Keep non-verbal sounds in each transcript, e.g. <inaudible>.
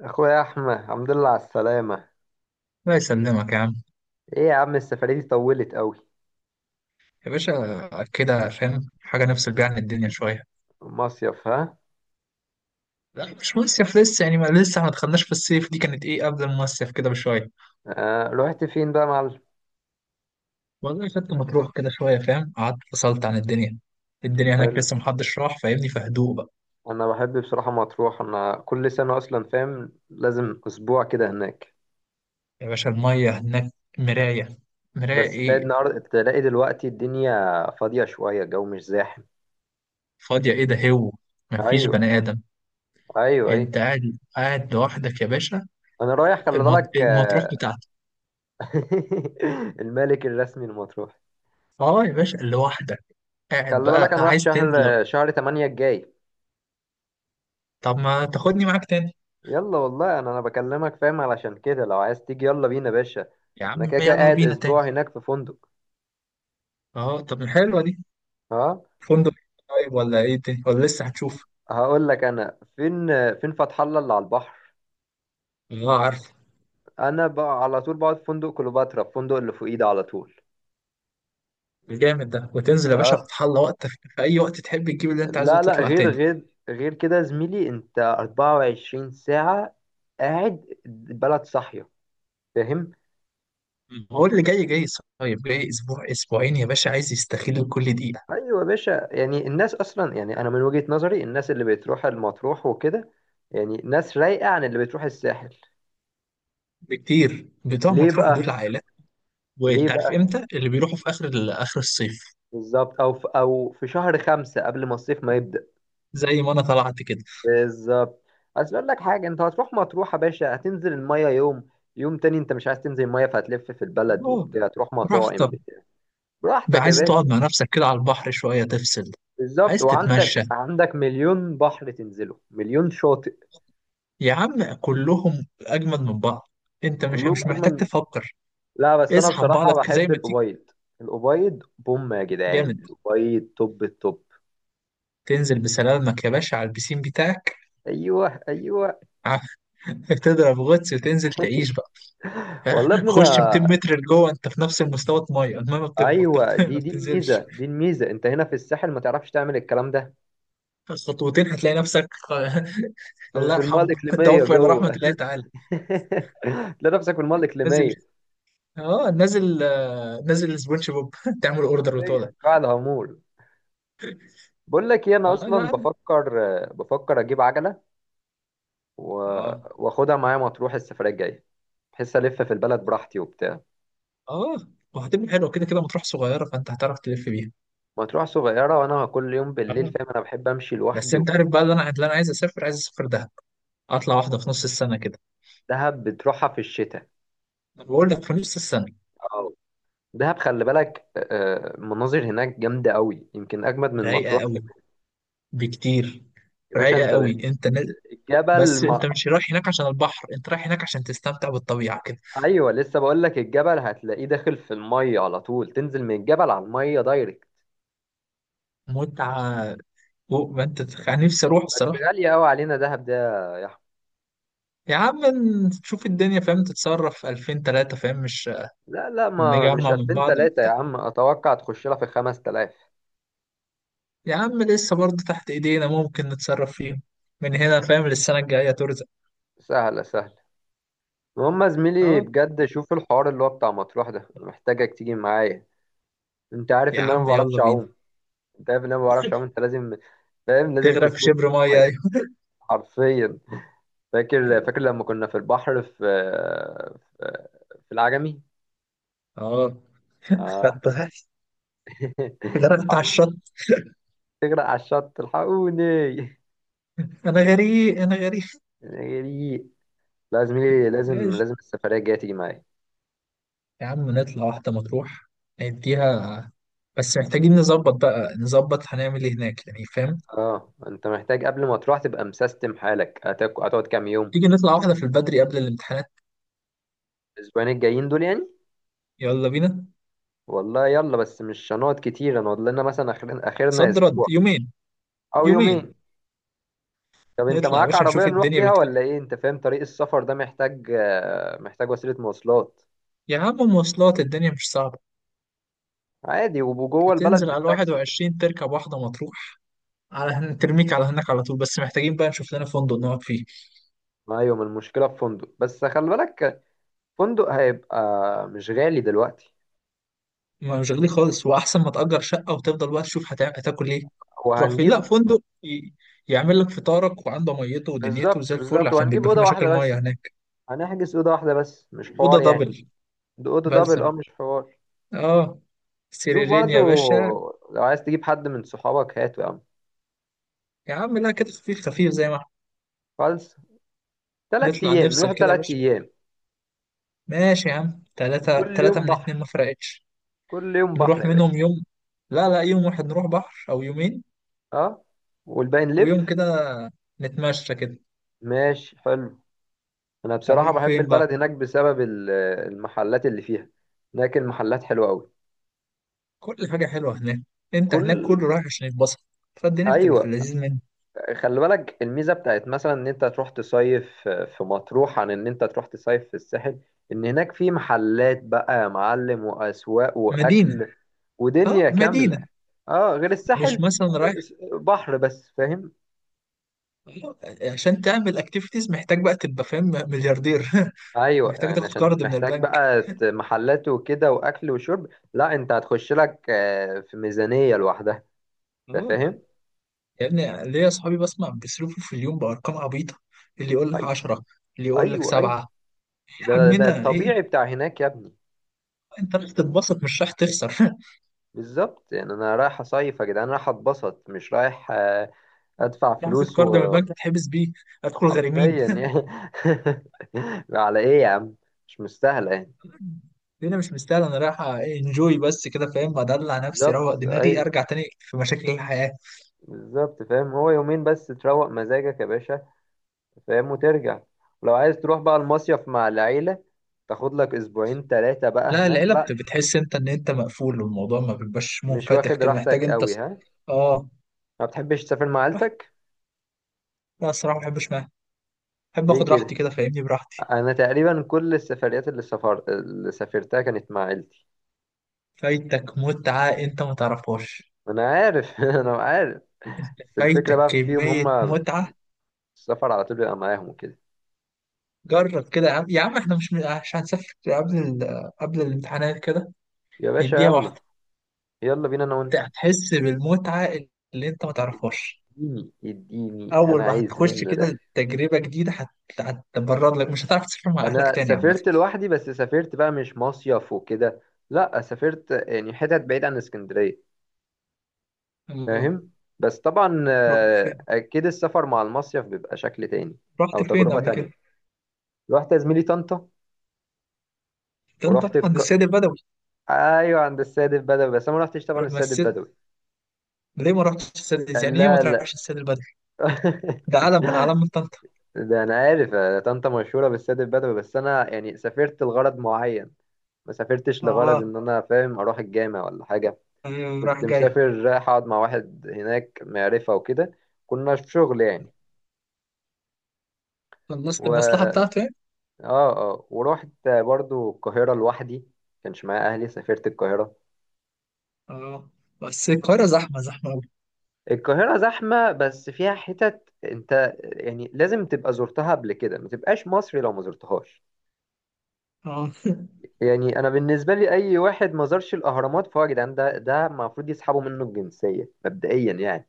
اخويا احمد، الحمد لله على السلامه. الله يسلمك يا عم. ايه يا عم، السفريه دي طولت قوي؟ يا باشا كده فاهم، حاجة نفصل بيها عن الدنيا شوية. مصيف؟ ها. لا مش مصيف لسه، يعني ما لسه ما دخلناش في الصيف، دي كانت ايه قبل المصيف كده بشوية. آه، رحت فين بقى يا معلم؟ والله خدت مطروح كده شوية فاهم، قعدت فصلت عن الدنيا. الدنيا هناك حلو. لسه محدش راح فاهمني، في هدوء بقى. انا بحب بصراحه مطروح، انا كل سنه اصلا فاهم لازم اسبوع كده هناك. يا باشا المية هناك مراية. مراية بس تلاقي ايه. النهارده، تلاقي دلوقتي الدنيا فاضيه شويه، الجو مش زاحم. فاضية ايه ده هو؟ مفيش ايوه، بني آدم. ايوه، ايوه. انت قاعد لوحدك يا باشا. انا رايح، خلي بالك. المطروح بتاعتك. <laughs> الملك الرسمي لمطروح. اه يا باشا لوحدك. قاعد خلي بالك، بقى انا رايح عايز شهر تنزل. شهر 8 الجاي. طب ما تاخدني معاك تاني. يلا والله، انا بكلمك فاهم، علشان كده لو عايز تيجي يلا بينا يا باشا. يا انا عم كده كده يلا قاعد بينا تاني. اسبوع هناك في فندق. اه طب حلوه دي. ها؟ فندق. طيب ولا ايه تاني ولا لسه هتشوف. هقول لك انا فين فتح الله اللي على البحر. اه عارف. انا بقى على طول بقعد في فندق كليوباترا، في فندق اللي فوقيه ده على طول. الجامد ده وتنزل يا باشا ها. فتح الله، وقتك في اي وقت تحب تجيب اللي انت عايزه لا، وتطلع غير تاني. غير غير كده يا زميلي، انت 24 ساعة قاعد، البلد صاحية، فاهم؟ هو اللي جاي جاي. صايب، جاي اسبوع اسبوعين يا باشا عايز يستغل كل دقيقه. ايوه يا باشا، يعني الناس اصلا، يعني انا من وجهة نظري، الناس اللي بتروح المطروح وكده يعني ناس رايقة عن اللي بتروح الساحل. بكتير، بتوع ليه مطروح بقى؟ دول عائلات. ليه وانت عارف بقى؟ امتى اللي بيروحوا، في اخر اخر الصيف. بالظبط، او في شهر 5 قبل ما الصيف ما يبدأ. زي ما انا طلعت كده. بالظبط. عايز اقول لك حاجة، انت هتروح مطروح يا باشا، هتنزل المية يوم. يوم تاني انت مش عايز تنزل المية، فهتلف في البلد اه وبتاع، تروح مطاعم راحتك. بتاع بقى براحتك يا عايز تقعد باشا. مع نفسك كده على البحر شويه تفصل. بالظبط، عايز تتمشى. وعندك عندك مليون بحر تنزله، مليون شاطئ. يا عم كلهم اجمد من بعض. انت مش كلهم مش محتاج اجمل. تفكر. لا بس انا اسحب بصراحة بعضك زي بحب ما تيجي. الأبيض. الأبيض بوم يا جدعان، جامد. الأبيض توب التوب. تنزل بسلامك يا باشا على البسين بتاعك. ايوه، ايوه. <laughs> تضرب غطس وتنزل تعيش بقى. والله يا <laughs> ابني خش 200 انا، متر لجوه، انت في نفس المستوى. الميه الميه ما بت- ما ايوه بت- <laughs> ما دي دي الميزه بتنزلش. دي الميزه انت هنا في الساحل ما تعرفش تعمل الكلام ده. خطوتين هتلاقي نفسك. <laughs> في الله في الميه يرحمه. <laughs> الاقليميه توفى الى رحمه جوه. الله تعالى. <laughs> تلاقي نفسك في الميه نازل. الاقليميه. اه نازل، نازل سبونج بوب. <laughs> تعمل اوردر فين وتقعد. قاع الهامور؟ بقول لك ايه، انا اه اصلا لا. بفكر اجيب عجله و... اه. واخدها معايا مطروح السفريه الجايه، بحيث الف في البلد براحتي وبتاع. اه وهتبقى حلوه، كده كده مطروح صغيره فانت هتعرف تلف بيها. مطروح صغيره وانا كل يوم بالليل اه فاهم انا بحب امشي بس لوحدي انت عارف وكده. بقى، اللي انا عايز اسافر، عايز اسافر دهب. اطلع واحده في نص السنه كده. دهب بتروحها في الشتاء. انا بقول لك في نص السنه. اه. دهب خلي بالك. مناظر هناك جامده قوي، يمكن اجمد من رايقه مطروح. قوي بكتير. يا باشا رايقه انت، قوي. انت الجبل بس انت ما. مش رايح هناك عشان البحر، انت رايح هناك عشان تستمتع بالطبيعه كده. ايوه لسه بقول لك، الجبل هتلاقيه داخل في الميه على طول، تنزل من الجبل على الميه دايركت. متعه. فوق ما انت أنا نفسي اروح بس الصراحه. غاليه قوي علينا دهب ده. يا احمد، يا عم نشوف الدنيا فاهم، تتصرف 2000 3 فاهم، مش لا، ما مش نجمع من 2000 بعض. 3 يا عم، اتوقع تخش لها في 5000. يا عم لسه برضه تحت ايدينا ممكن نتصرف فيهم. من هنا فاهم للسنة الجاية ترزق. سهله سهله. المهم يا زميلي اه بجد، شوف الحوار اللي هو بتاع مطروح ده، أنا محتاجك تيجي معايا. انت عارف يا ان انا ما عم بعرفش يلا بينا. اعوم. انت عارف ان انا ما بعرفش اعوم، انت لازم، فاهم لازم تغرق في تسندني في شبر مية المية. ايوه. حرفيا. فاكر لما كنا في البحر في في العجمي. اه آه، خدت غرق- <laughs> غرقت على الحقوني، الشط. تغرق على الشط الحقوني. انا غريق انا غريق. أنا جريء. لا زميلي، لازم ماشي. لازم السفرية الجاية تيجي معايا. يا عم نطلع واحدة مطروح. نديها. بس محتاجين نظبط بقى، نظبط هنعمل ايه هناك يعني فاهم. اه انت محتاج قبل ما تروح تبقى مسيستم حالك. هتقعد كام يوم؟ تيجي نطلع واحدة في البدري قبل الامتحانات. الاسبوعين الجايين دول يعني. يلا بينا. والله يلا، بس مش هنقعد كتير، هنقعد لنا مثلا اخرنا صد اسبوع رد يومين. او يومين. يومين. طب انت نطلع يا معاك باشا عربية نشوف نروح الدنيا بيها بتقول. ولا ايه؟ انت فاهم طريق السفر ده محتاج، محتاج وسيلة مواصلات. يا عم مواصلات الدنيا مش صعبة. عادي، وجوه البلد هتنزل على بالتاكسي فاهم؟ 21 تركب واحدة مطروح. على ترميك على هناك على طول، بس محتاجين بقى نشوف لنا فندق نقعد فيه. ايوه، ما المشكلة في فندق، بس خلي بالك فندق هيبقى مش غالي دلوقتي. ما مش غالي خالص، واحسن ما تأجر شقة وتفضل بقى تشوف هتاكل ايه، تروح فين. لا وهنجيب. فندق يعمل لك فطارك وعنده ميته ودنيته بالظبط زي الفل، بالظبط، عشان وهنجيب بيبقى في أوضة مشاكل واحدة بس، ميه هناك. هنحجز أوضة واحدة بس، مش اوضه حوار يعني. دبل. ده أوضة دبل، بلسم. أه مش حوار. اه شوف سريرين برضو، يا باشا. لو عايز تجيب حد من صحابك هاته يا عم. يا عم لا كده خفيف خفيف زي ما احنا. خالص. تلات نطلع أيام نفصل نروح، كده يا تلات باشا. أيام ماشي يا عم، تلاتة كل تلاتة يوم من اتنين ما بحر. فرقتش. كل يوم نروح بحر يا منهم باشا. يوم. لا لا يوم واحد نروح بحر او يومين. أه، والباقي ويوم نلف. كده نتمشى كده. ماشي حلو. أنا بصراحة هنروح بحب فين بقى؟ البلد هناك بسبب المحلات اللي فيها. هناك المحلات حلوة أوي. كل حاجة حلوة هناك. انت هناك كل كله رايح عشان يتبسط. فالدنيا بتبقى في أيوة، اللذيذ منه. خلي بالك الميزه بتاعت مثلا ان انت تروح تصيف في مطروح عن ان انت تروح تصيف في الساحل، ان هناك في محلات بقى يا معلم، واسواق مدينة. واكل اه ودنيا كامله. مدينة. اه غير مش الساحل، مثلا رايح بحر بس فاهم. عشان تعمل اكتيفيتيز، محتاج بقى تبقى فاهم ملياردير. <laughs> ايوه، محتاج يعني تاخد عشان قرض من محتاج البنك. بقى محلات وكده، واكل وشرب. لا، انت هتخش لك في ميزانيه لوحدها. اه فاهم. يا ابني، ليا اصحابي بسمع بيصرفوا في اليوم بارقام عبيطة. اللي يقول لك أي- 10. اللي يقول لك ايوه، ايوه. 7. يا ده عمنا ايه. الطبيعي بتاع هناك يا ابني. انت رايح تتبسط مش رايح تخسر. <laughs> بالظبط يعني، انا رايح اصيف يا جدعان، رايح اتبسط، مش رايح ادفع مش رايح تاخد فلوس، قرض من وحرفيا البنك تتحبس بيه. هتدخل غريمين. يعني. <laughs> على ايه يا عم؟ مش مستاهله يعني. الدنيا مش مستاهله، انا رايح انجوي بس كده فاهم، ادلع نفسي، اروق بالظبط، دماغي، اي ارجع تاني في مشاكل الحياه. بالظبط، فاهم، هو يومين بس تروق مزاجك يا باشا، فاهم، وترجع. ولو عايز تروح بقى المصيف مع العيله، تاخد لك اسبوعين ثلاثه بقى لا هناك. العيله لا، بتحس انت ان انت مقفول، والموضوع ما بيبقاش مش منفتح واخد كده، محتاج راحتك انت قوي؟ ها. اه ما بتحبش تسافر مع واحد- عيلتك. لا الصراحه ما بحبش معاها. بحب ليه اخد راحتي كده؟ كده فاهمني، براحتي. انا تقريبا كل السفريات اللي سافرتها كانت مع عيلتي. فايتك متعه انت ما تعرفهاش. انا عارف، <laughs> انا عارف. انت بس الفكره فايتك بقى فيهم كميه هم، متعه. السفر على طول بيبقى معاهم وكده. جرب كده يا عم، يا عم احنا مش هنسافر قبل قبل الامتحانات كده. يا باشا نديها يلا، واحده. يلا بينا انا وانت. هتحس بالمتعه اللي انت ما تعرفهاش. اديني اديني، اول انا ما عايز هتخش منه ده. كده تجربه جديده، هتبرر لك مش هتعرف تسافر مع اهلك انا تاني عامه. سافرت لوحدي، بس سافرت بقى مش مصيف وكده. لا سافرت، يعني حتت بعيد عن اسكندريه، اه فاهم. بس طبعا رحت فين. اكيد السفر مع المصيف بيبقى شكل تاني، او رحت فين تجربه قبل تانية. كده. رحت يا زميلي طنطا، ده انت ورحت عند الك... السيد البدوي. ايوه عند السيد البدوي، بس انا ما رحتش طبعا ما السيد السيد. البدوي. ليه ما رحتش السيد، يعني ايه ما لا، لا. تروحش السيد البدوي. ده علم من <laughs> اعلام طنطا. ده انا عارف، طنطا مشهوره بالسد البدوي، بس انا يعني سافرت لغرض معين، ما سافرتش لغرض اه ان انا فاهم اروح الجامع ولا حاجه. ايوه راح كنت جاي. مسافر رايح اقعد مع واحد هناك معرفه وكده، كنا في شغل يعني. و خلصت المصلحه اه بتاعته يعني. اه ورحت برضو القاهره لوحدي، كانش معايا اهلي، سافرت القاهره. اه بس القاهره زحمه زحمه قوي. القاهره زحمه، بس فيها حتت انت يعني لازم تبقى زرتها قبل كده، ما تبقاش مصري لو ما زرتهاش. اه يعني انا بالنسبه لي اي واحد ما زارش الاهرامات، فهو يا جدعان ده المفروض يسحبوا منه الجنسيه مبدئيا يعني.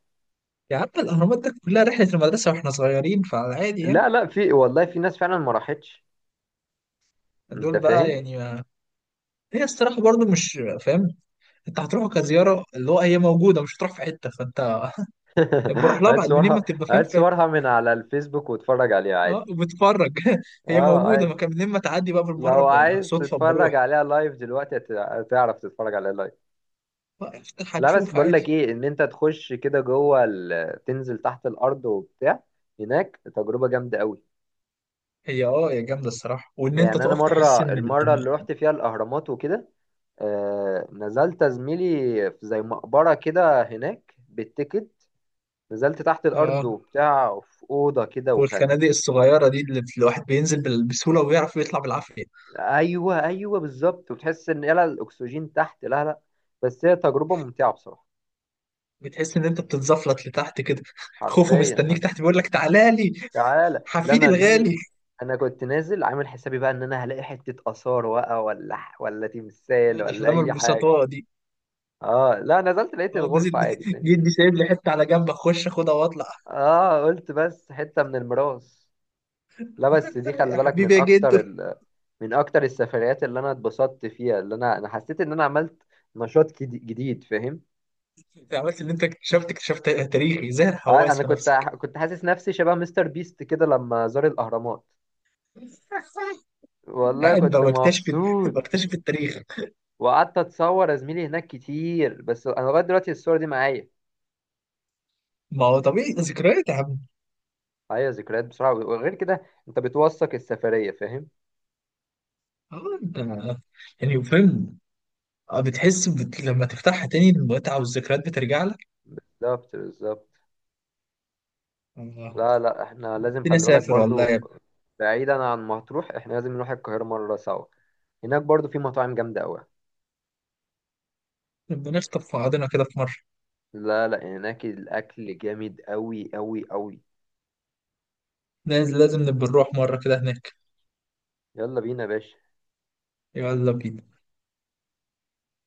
يا عم الاهرامات ده كلها رحله المدرسه واحنا صغيرين، فعلى عادي يعني. لا لا، في والله في ناس فعلا ما راحتش. انت دول بقى فاهم. يعني ما... هي الصراحه برضو مش فاهم. انت هتروحه كزياره، اللي هو هي موجوده مش هتروح في حته، فانت بروح <laughs> لها هات بعد منين ما صورها، بتبقى فاهم هات في. صورها من على الفيسبوك واتفرج عليها عادي. اه وبتفرج. <laughs> هي اه موجوده ما عادي. كان، منين ما تعدي بقى بالمره لو عايز صدفه تتفرج بروح. عليها لايف دلوقتي، هتعرف تتفرج عليها لايف. اه، افتح لا بس هتشوف بقول لك عادي. ايه، ان انت تخش كده جوه تنزل تحت الارض وبتاع، هناك تجربه جامده قوي. هي اه هي جامده الصراحه، وان انت يعني انا تقف مره، تحس ان اللي رحت فيها الاهرامات وكده، نزلت يا زميلي، في زي مقبرة كده هناك بالتيكت. نزلت تحت الأرض اه. وبتاع، في أوضة كده وكان. والخنادق الصغيره دي اللي الواحد بينزل بسهوله ويعرف يطلع بالعافيه. أيوه، أيوه بالظبط، وتحس إن يلا الأكسجين تحت. لا لا، بس هي تجربة ممتعة بصراحة. بتحس ان انت بتتزفلط لتحت كده. <laughs> خوفه حرفيا. مستنيك تحت بيقول لك تعالى لي تعالى لا حفيدي أنا يا زميلي، الغالي. أنا كنت نازل عامل حسابي بقى إن أنا هلاقي حتة آثار بقى، ولا تمثال، <laughs> ولا احلام أي حاجة. البسطاء. اه لا، نزلت لقيت اه نازل. الغرفة عادي <laughs> فاهم. جدي سايب لي حته على جنب اخش اخدها واطلع. اه قلت بس حتة من الميراث. لا بس دي <laughs> خلي يا بالك من حبيبي يا جدو. اكتر من اكتر السفريات اللي انا اتبسطت فيها، اللي انا حسيت ان انا عملت نشاط جديد فاهم. انت عملت اللي انت اكتشفت تاريخي زي الحواس انا في كنت نفسك. كنت حاسس نفسي شبه مستر بيست كده لما زار الاهرامات. <laughs> والله قاعد كنت بكتشف مبسوط. بكتشف التاريخ. وقعدت اتصور يا زميلي هناك كتير، بس انا لغايه دلوقتي الصور دي معايا. ما هو طبيعي ذكريات يا عم. معايا ذكريات بسرعه، وغير كده انت بتوثق السفريه فاهم. اه انت يعني فاهم. اه بتحس لما تفتحها تاني المتعه والذكريات بترجع لك. بالظبط بالظبط. اه. لا لا، احنا لازم نفسي خلي بالك اسافر والله برضو، يا ابني. بعيدا عن مطروح، احنا لازم نروح القاهرة مرة سوا، هناك برضو في مطاعم جامدة أوي. نبقى نخطف في بعضنا كده في مره. لا لا، هناك الأكل جامد أوي أوي أوي. لازم لازم نبقى نروح مره كده هناك. يلا بينا يا باشا. يلا بينا.